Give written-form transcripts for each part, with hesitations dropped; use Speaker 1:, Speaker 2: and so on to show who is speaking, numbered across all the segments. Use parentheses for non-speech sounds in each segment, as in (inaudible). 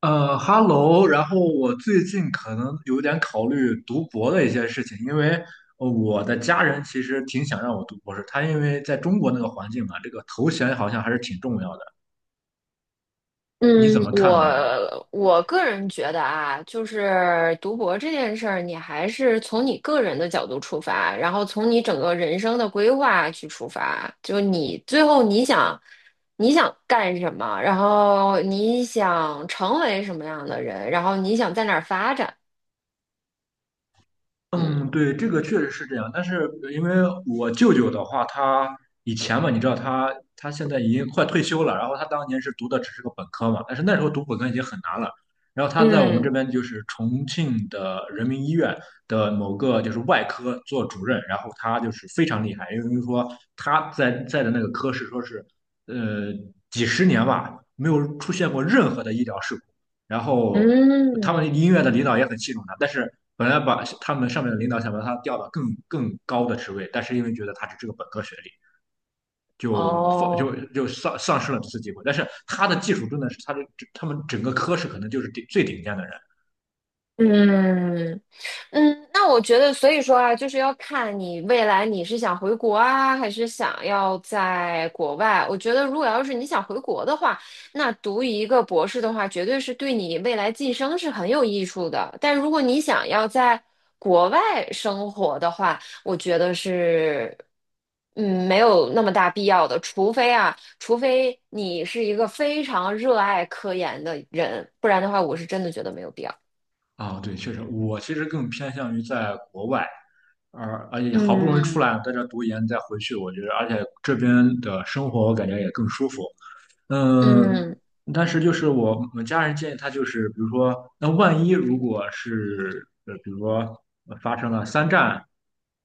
Speaker 1: 哈喽，然后我最近可能有点考虑读博的一些事情，因为我的家人其实挺想让我读博士，他因为在中国那个环境嘛，这个头衔好像还是挺重要的。你怎
Speaker 2: 嗯，
Speaker 1: 么看呢？
Speaker 2: 我个人觉得啊，就是读博这件事儿，你还是从你个人的角度出发，然后从你整个人生的规划去出发，就你最后你想干什么，然后你想成为什么样的人，然后你想在哪儿发展。嗯
Speaker 1: 嗯，对，这个确实是这样，但是因为我舅舅的话，他以前嘛，你知道他现在已经快退休了，然后他当年是读的只是个本科嘛，但是那时候读本科已经很难了，然后他在我们这
Speaker 2: 嗯
Speaker 1: 边就是重庆的人民医院的某个就是外科做主任，然后他就是非常厉害，因为说他在的那个科室说是呃几十年吧，没有出现过任何的医疗事故。然后他
Speaker 2: 嗯，
Speaker 1: 们音乐的领导也很器重他，但是本来把他们上面的领导想把他调到更高的职位，但是因为觉得他只是个本科学历，就放
Speaker 2: 哦，
Speaker 1: 就就丧丧失了这次机会。但是他的技术真的是他们整个科室可能就是最顶尖的人。
Speaker 2: 嗯。嗯，那我觉得，所以说啊，就是要看你未来你是想回国啊，还是想要在国外。我觉得，如果要是你想回国的话，那读一个博士的话，绝对是对你未来晋升是很有益处的。但如果你想要在国外生活的话，我觉得是，没有那么大必要的。除非啊，除非你是一个非常热爱科研的人，不然的话，我是真的觉得没有必要。
Speaker 1: 啊，对，确实，我其实更偏向于在国外。而且好不容易出
Speaker 2: 嗯
Speaker 1: 来，在这读研再回去，我觉得，而且这边的生活我感觉也更舒服。嗯，
Speaker 2: 嗯
Speaker 1: 但是就是我家人建议他，就是比如说，那万一如果是比如说发生了三战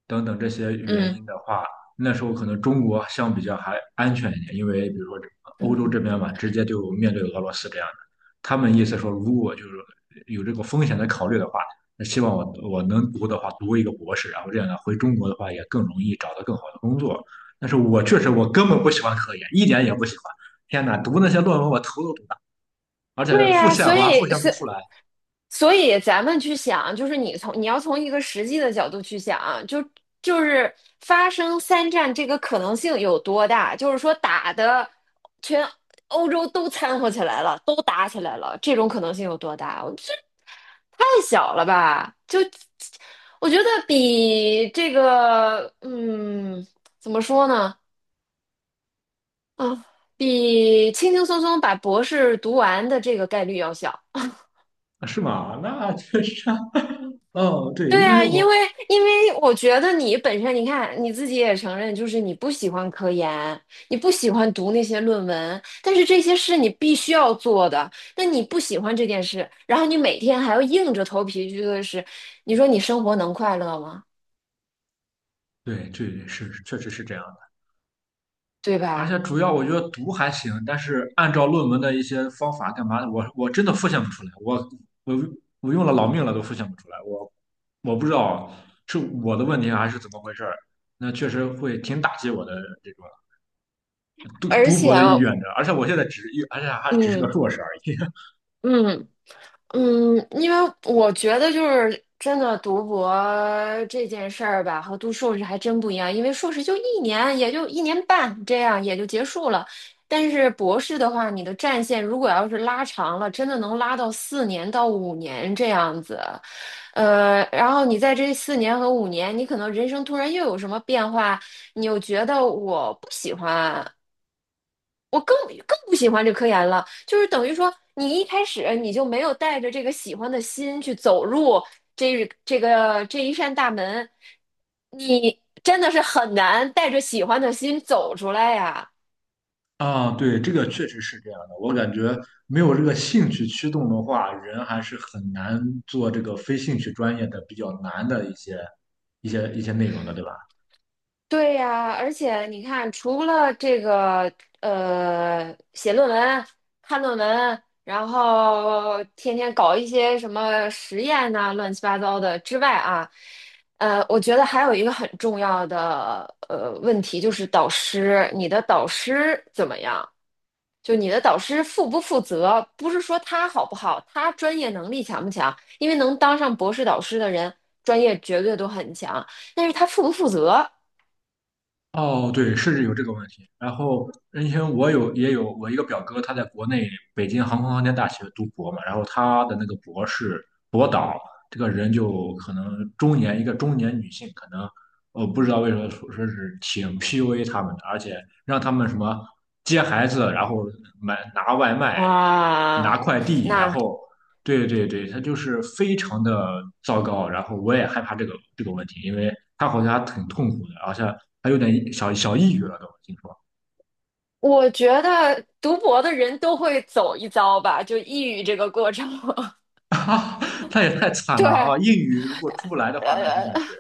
Speaker 1: 等等这些原
Speaker 2: 嗯。
Speaker 1: 因的话，那时候可能中国相比较还安全一点，因为比如说这欧洲这边嘛，直接就面对俄罗斯这样的。他们意思说，如果就是有这个风险的考虑的话，那希望我能读的话，读一个博士，然后这样呢，回中国的话也更容易找到更好的工作。但是我确实我根本不喜欢科研，一点也不喜欢。天呐，读那些论文我头都读大，而
Speaker 2: 对
Speaker 1: 且复
Speaker 2: 呀，
Speaker 1: 现我
Speaker 2: 所
Speaker 1: 还复
Speaker 2: 以
Speaker 1: 现不
Speaker 2: 所
Speaker 1: 出来，
Speaker 2: 所以咱们去想，就是你从你要从一个实际的角度去想，就是发生三战这个可能性有多大？就是说打的全欧洲都掺和起来了，都打起来了，这种可能性有多大？我这太小了吧？就我觉得比这个，怎么说呢？啊，比轻轻松松把博士读完的这个概率要小。
Speaker 1: 啊是吗？那确实啊，哦，对，
Speaker 2: 对
Speaker 1: 因为
Speaker 2: 啊，因
Speaker 1: 我。
Speaker 2: 为因为我觉得你本身，你看你自己也承认，就是你不喜欢科研，你不喜欢读那些论文，但是这些是你必须要做的。那你不喜欢这件事，然后你每天还要硬着头皮去做的事，你说你生活能快乐吗？
Speaker 1: 对对，是确实是这样的，
Speaker 2: 对
Speaker 1: 而
Speaker 2: 吧？
Speaker 1: 且主要我觉得读还行，但是按照论文的一些方法干嘛的，我真的复现不出来，我我用了老命了都复现不出来，我不知道是我的问题还是怎么回事儿，那确实会挺打击我的这个读
Speaker 2: 而
Speaker 1: 读
Speaker 2: 且，
Speaker 1: 博的意愿的，而且还只是个
Speaker 2: 嗯
Speaker 1: 硕士而已。
Speaker 2: 嗯。嗯，因为我觉得就是真的读博这件事儿吧，和读硕士还真不一样。因为硕士就一年，也就一年半这样，也就结束了。但是博士的话，你的战线如果要是拉长了，真的能拉到4年到5年这样子。然后你在这4年和5年，你可能人生突然又有什么变化，你又觉得我不喜欢，我更不喜欢这科研了，就是等于说你一开始你就没有带着这个喜欢的心去走入这一扇大门，你真的是很难带着喜欢的心走出来呀。
Speaker 1: 啊，对，这个确实是这样的。我感觉没有这个兴趣驱动的话，人还是很难做这个非兴趣专业的比较难的一些内容的，对吧？
Speaker 2: 对呀，而且你看，除了这个写论文、看论文，然后天天搞一些什么实验呐、乱七八糟的之外啊，我觉得还有一个很重要的问题就是导师，你的导师怎么样？就你的导师负不负责？不是说他好不好，他专业能力强不强？因为能当上博士导师的人，专业绝对都很强，但是他负不负责？
Speaker 1: 哦，对，是有这个问题。然后，因为我有也有我一个表哥，他在国内北京航空航天大学读博嘛，然后他的那个博士博导这个人就可能一个中年女性，可能我不知道为什么说是挺 PUA 他们的，而且让他们什么接孩子，然后拿外卖、拿
Speaker 2: 哇，
Speaker 1: 快递，然
Speaker 2: 那
Speaker 1: 后对对对，他就是非常的糟糕，然后我也害怕这个问题，因为他好像还挺痛苦的，好像还有点小小抑郁了都，听说。
Speaker 2: 我觉得读博的人都会走一遭吧，就抑郁这个过程。
Speaker 1: 他也太
Speaker 2: (laughs)
Speaker 1: 惨
Speaker 2: 对，
Speaker 1: 了啊！抑郁如果出不来的话，那真
Speaker 2: 呃。
Speaker 1: 的是……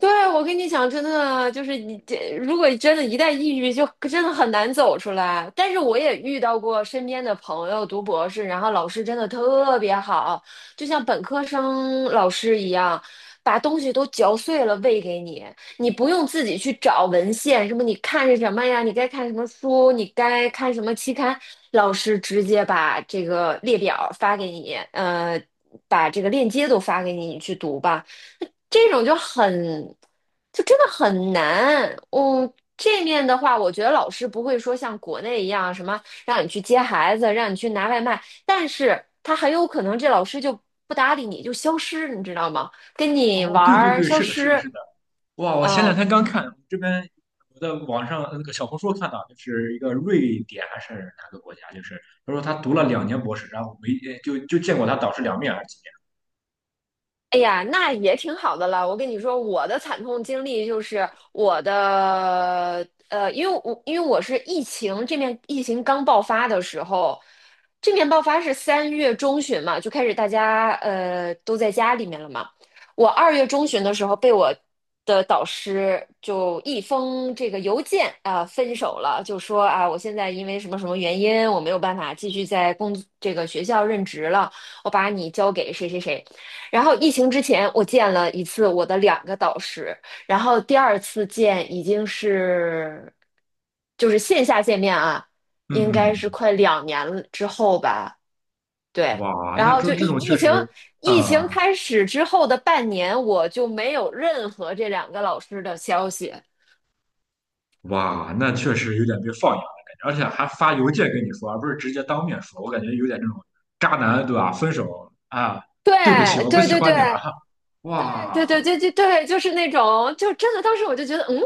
Speaker 2: 对，我跟你讲，真的就是你这，如果真的一旦抑郁，就真的很难走出来。但是我也遇到过身边的朋友读博士，然后老师真的特别好，就像本科生老师一样，把东西都嚼碎了喂给你，你不用自己去找文献，什么你看是什么呀，你该看什么书，你该看什么期刊，老师直接把这个列表发给你，把这个链接都发给你，你去读吧。这种就很，就真的很难。嗯，这面的话，我觉得老师不会说像国内一样什么让你去接孩子，让你去拿外卖，但是他很有可能这老师就不搭理你，就消失，你知道吗？跟你
Speaker 1: 哦，
Speaker 2: 玩
Speaker 1: 对对
Speaker 2: 儿
Speaker 1: 对，
Speaker 2: 消
Speaker 1: 是的，是的，
Speaker 2: 失。
Speaker 1: 是的，哇！我前两
Speaker 2: 啊。
Speaker 1: 天刚看这边，我在网上那个小红书看到，就是一个瑞典还是哪个国家，就是他说他读了2年博士，然后没就见过他导师2面还是几
Speaker 2: 哎呀，那也挺好的了。我跟你说，我的惨痛经历就是因为我是疫情这面疫情刚爆发的时候，这面爆发是3月中旬嘛，就开始大家都在家里面了嘛。我2月中旬的时候被我的导师就一封这个邮件啊，分手了，就说啊我现在因为什么什么原因我没有办法继续在这个学校任职了，我把你交给谁谁谁。然后疫情之前，我见了一次我的2个导师，然后第二次见已经是就是线下见面啊，
Speaker 1: 面？
Speaker 2: 应该是
Speaker 1: 嗯
Speaker 2: 快2年了之后吧。
Speaker 1: 嗯，
Speaker 2: 对，
Speaker 1: 哇，
Speaker 2: 然
Speaker 1: 那
Speaker 2: 后
Speaker 1: 这
Speaker 2: 就
Speaker 1: 这
Speaker 2: 疫
Speaker 1: 种
Speaker 2: 疫
Speaker 1: 确
Speaker 2: 情
Speaker 1: 实，
Speaker 2: 疫情
Speaker 1: 呃。
Speaker 2: 开始之后的半年，我就没有任何这2个老师的消息。
Speaker 1: 哇，那确实有点被放养的感觉，而且还发邮件跟你说，而不是直接当面说，我感觉有点这种渣男，对吧？分手啊，
Speaker 2: 对
Speaker 1: 对不起，我不
Speaker 2: 对
Speaker 1: 喜
Speaker 2: 对对，
Speaker 1: 欢你了。哈，哇，
Speaker 2: 对对对对对对，就是那种，就真的当时我就觉得，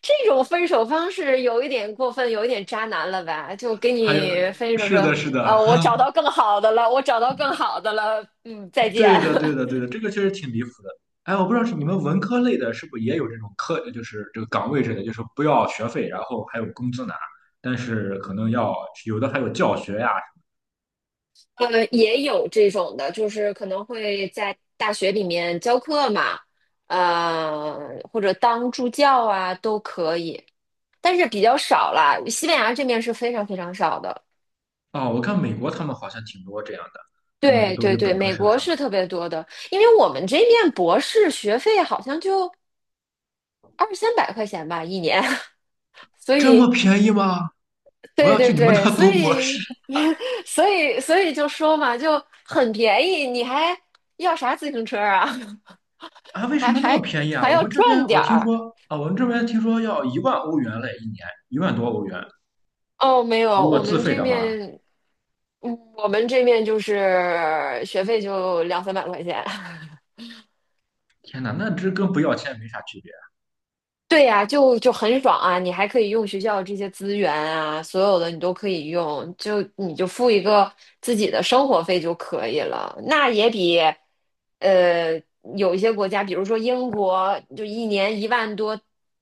Speaker 2: 这种分手方式有一点过分，有一点渣男了吧？就给
Speaker 1: 还有，
Speaker 2: 你分手
Speaker 1: 是
Speaker 2: 说，
Speaker 1: 的，是的，
Speaker 2: 我找到更好的了，我找到更好的了，再
Speaker 1: (laughs)
Speaker 2: 见。
Speaker 1: 对的，对的，对
Speaker 2: (laughs)
Speaker 1: 的，这个确实挺离谱的。哎，我不知道是你们文科类的，是不是也有这种课，就是这个岗位之类的，就是不要学费，然后还有工资拿，但是可能要有的还有教学呀。
Speaker 2: 也有这种的，就是可能会在大学里面教课嘛，呃，或者当助教啊，都可以，但是比较少啦。西班牙这边是非常非常少的。
Speaker 1: 哦，我看美国他们好像挺多这样的，他们
Speaker 2: 对
Speaker 1: 都给
Speaker 2: 对对，
Speaker 1: 本科
Speaker 2: 美
Speaker 1: 生
Speaker 2: 国
Speaker 1: 上
Speaker 2: 是
Speaker 1: 课，
Speaker 2: 特别多的，因为我们这边博士学费好像就二三百块钱吧一年，(laughs) 所
Speaker 1: 这么
Speaker 2: 以
Speaker 1: 便宜吗？我
Speaker 2: 对
Speaker 1: 要去
Speaker 2: 对
Speaker 1: 你们
Speaker 2: 对，
Speaker 1: 那
Speaker 2: 所
Speaker 1: 读博士
Speaker 2: 以
Speaker 1: (laughs)
Speaker 2: (laughs) 所以就说嘛，就很便宜，你还要啥自行车啊？(laughs)
Speaker 1: 啊，为什
Speaker 2: 还
Speaker 1: 么那么
Speaker 2: 还
Speaker 1: 便宜啊？
Speaker 2: 还
Speaker 1: 我
Speaker 2: 要
Speaker 1: 们这边
Speaker 2: 赚
Speaker 1: 我
Speaker 2: 点
Speaker 1: 听
Speaker 2: 儿
Speaker 1: 说啊，我们这边听说要1万欧元嘞，1年1万多欧元，
Speaker 2: 哦？没有，
Speaker 1: 如果
Speaker 2: 我
Speaker 1: 自
Speaker 2: 们
Speaker 1: 费
Speaker 2: 这
Speaker 1: 的话，
Speaker 2: 面，我们这面就是学费就两三百块钱。
Speaker 1: 天哪，那这跟不要钱没啥区别。
Speaker 2: 对呀，就很爽啊！你还可以用学校这些资源啊，所有的你都可以用，就你就付一个自己的生活费就可以了。那也比，呃，有一些国家，比如说英国，就一年1万多，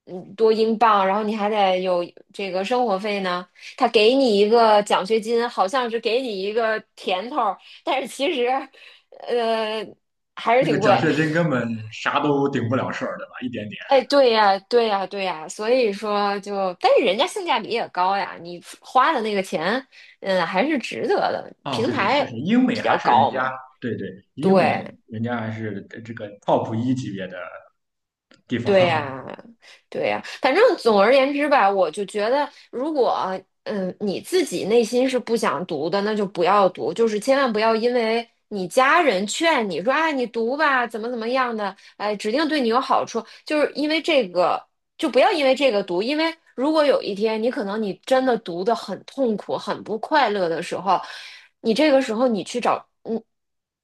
Speaker 2: 多英镑，然后你还得有这个生活费呢。他给你一个奖学金，好像是给你一个甜头儿，但是其实，呃，还是
Speaker 1: 那个
Speaker 2: 挺贵。
Speaker 1: 奖学金根本啥都顶不了事儿，对吧？一点点。
Speaker 2: 哎，对呀，对呀，对呀，所以说就，但是人家性价比也高呀，你花的那个钱，还是值得的。
Speaker 1: 哦，
Speaker 2: 平
Speaker 1: 对对，确实，
Speaker 2: 台
Speaker 1: 英美
Speaker 2: 比
Speaker 1: 还
Speaker 2: 较
Speaker 1: 是人
Speaker 2: 高
Speaker 1: 家，
Speaker 2: 嘛，
Speaker 1: 对对，英美
Speaker 2: 对，
Speaker 1: 人家还是这个 top 一级别的地
Speaker 2: 对
Speaker 1: 方。
Speaker 2: 呀，对呀，反正总而言之吧，我就觉得，如果你自己内心是不想读的，那就不要读，就是千万不要因为你家人劝你说，哎，你读吧，怎么怎么样的，哎，指定对你有好处，就是因为这个，就不要因为这个读，因为如果有一天你可能你真的读的很痛苦、很不快乐的时候，你这个时候你去找。嗯。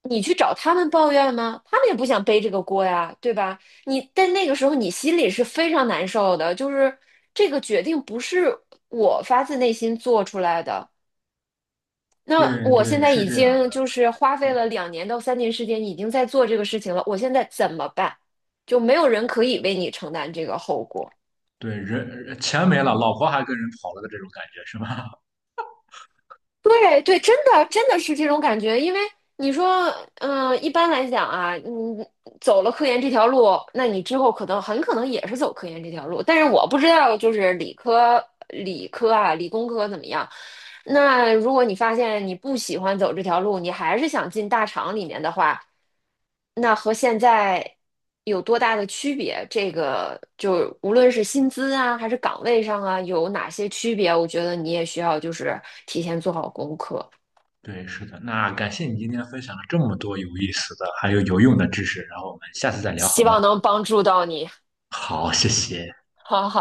Speaker 2: 你去找他们抱怨吗？他们也不想背这个锅呀，对吧？你但那个时候你心里是非常难受的，就是这个决定不是我发自内心做出来的。
Speaker 1: (laughs)
Speaker 2: 那
Speaker 1: 对
Speaker 2: 我现
Speaker 1: 对，
Speaker 2: 在
Speaker 1: 是
Speaker 2: 已
Speaker 1: 这样
Speaker 2: 经
Speaker 1: 的。
Speaker 2: 就是花费了2年到3年时间，已经在做这个事情了，我现在怎么办？就没有人可以为你承担这个后果。
Speaker 1: 对，人钱没了，老婆还跟人跑了的这种感觉是吧？
Speaker 2: 对对，真的真的是这种感觉，因为你说，一般来讲啊，你走了科研这条路，那你之后可能很可能也是走科研这条路，但是我不知道就是理科啊、理工科怎么样，那如果你发现你不喜欢走这条路，你还是想进大厂里面的话，那和现在有多大的区别？这个就无论是薪资啊，还是岗位上啊，有哪些区别？我觉得你也需要就是提前做好功课，
Speaker 1: 对，是的。那感谢你今天分享了这么多有意思的，还有有用的知识，然后我们下次再聊好
Speaker 2: 希
Speaker 1: 吗？
Speaker 2: 望能帮助到你。(laughs)
Speaker 1: 好，谢谢。
Speaker 2: 好好。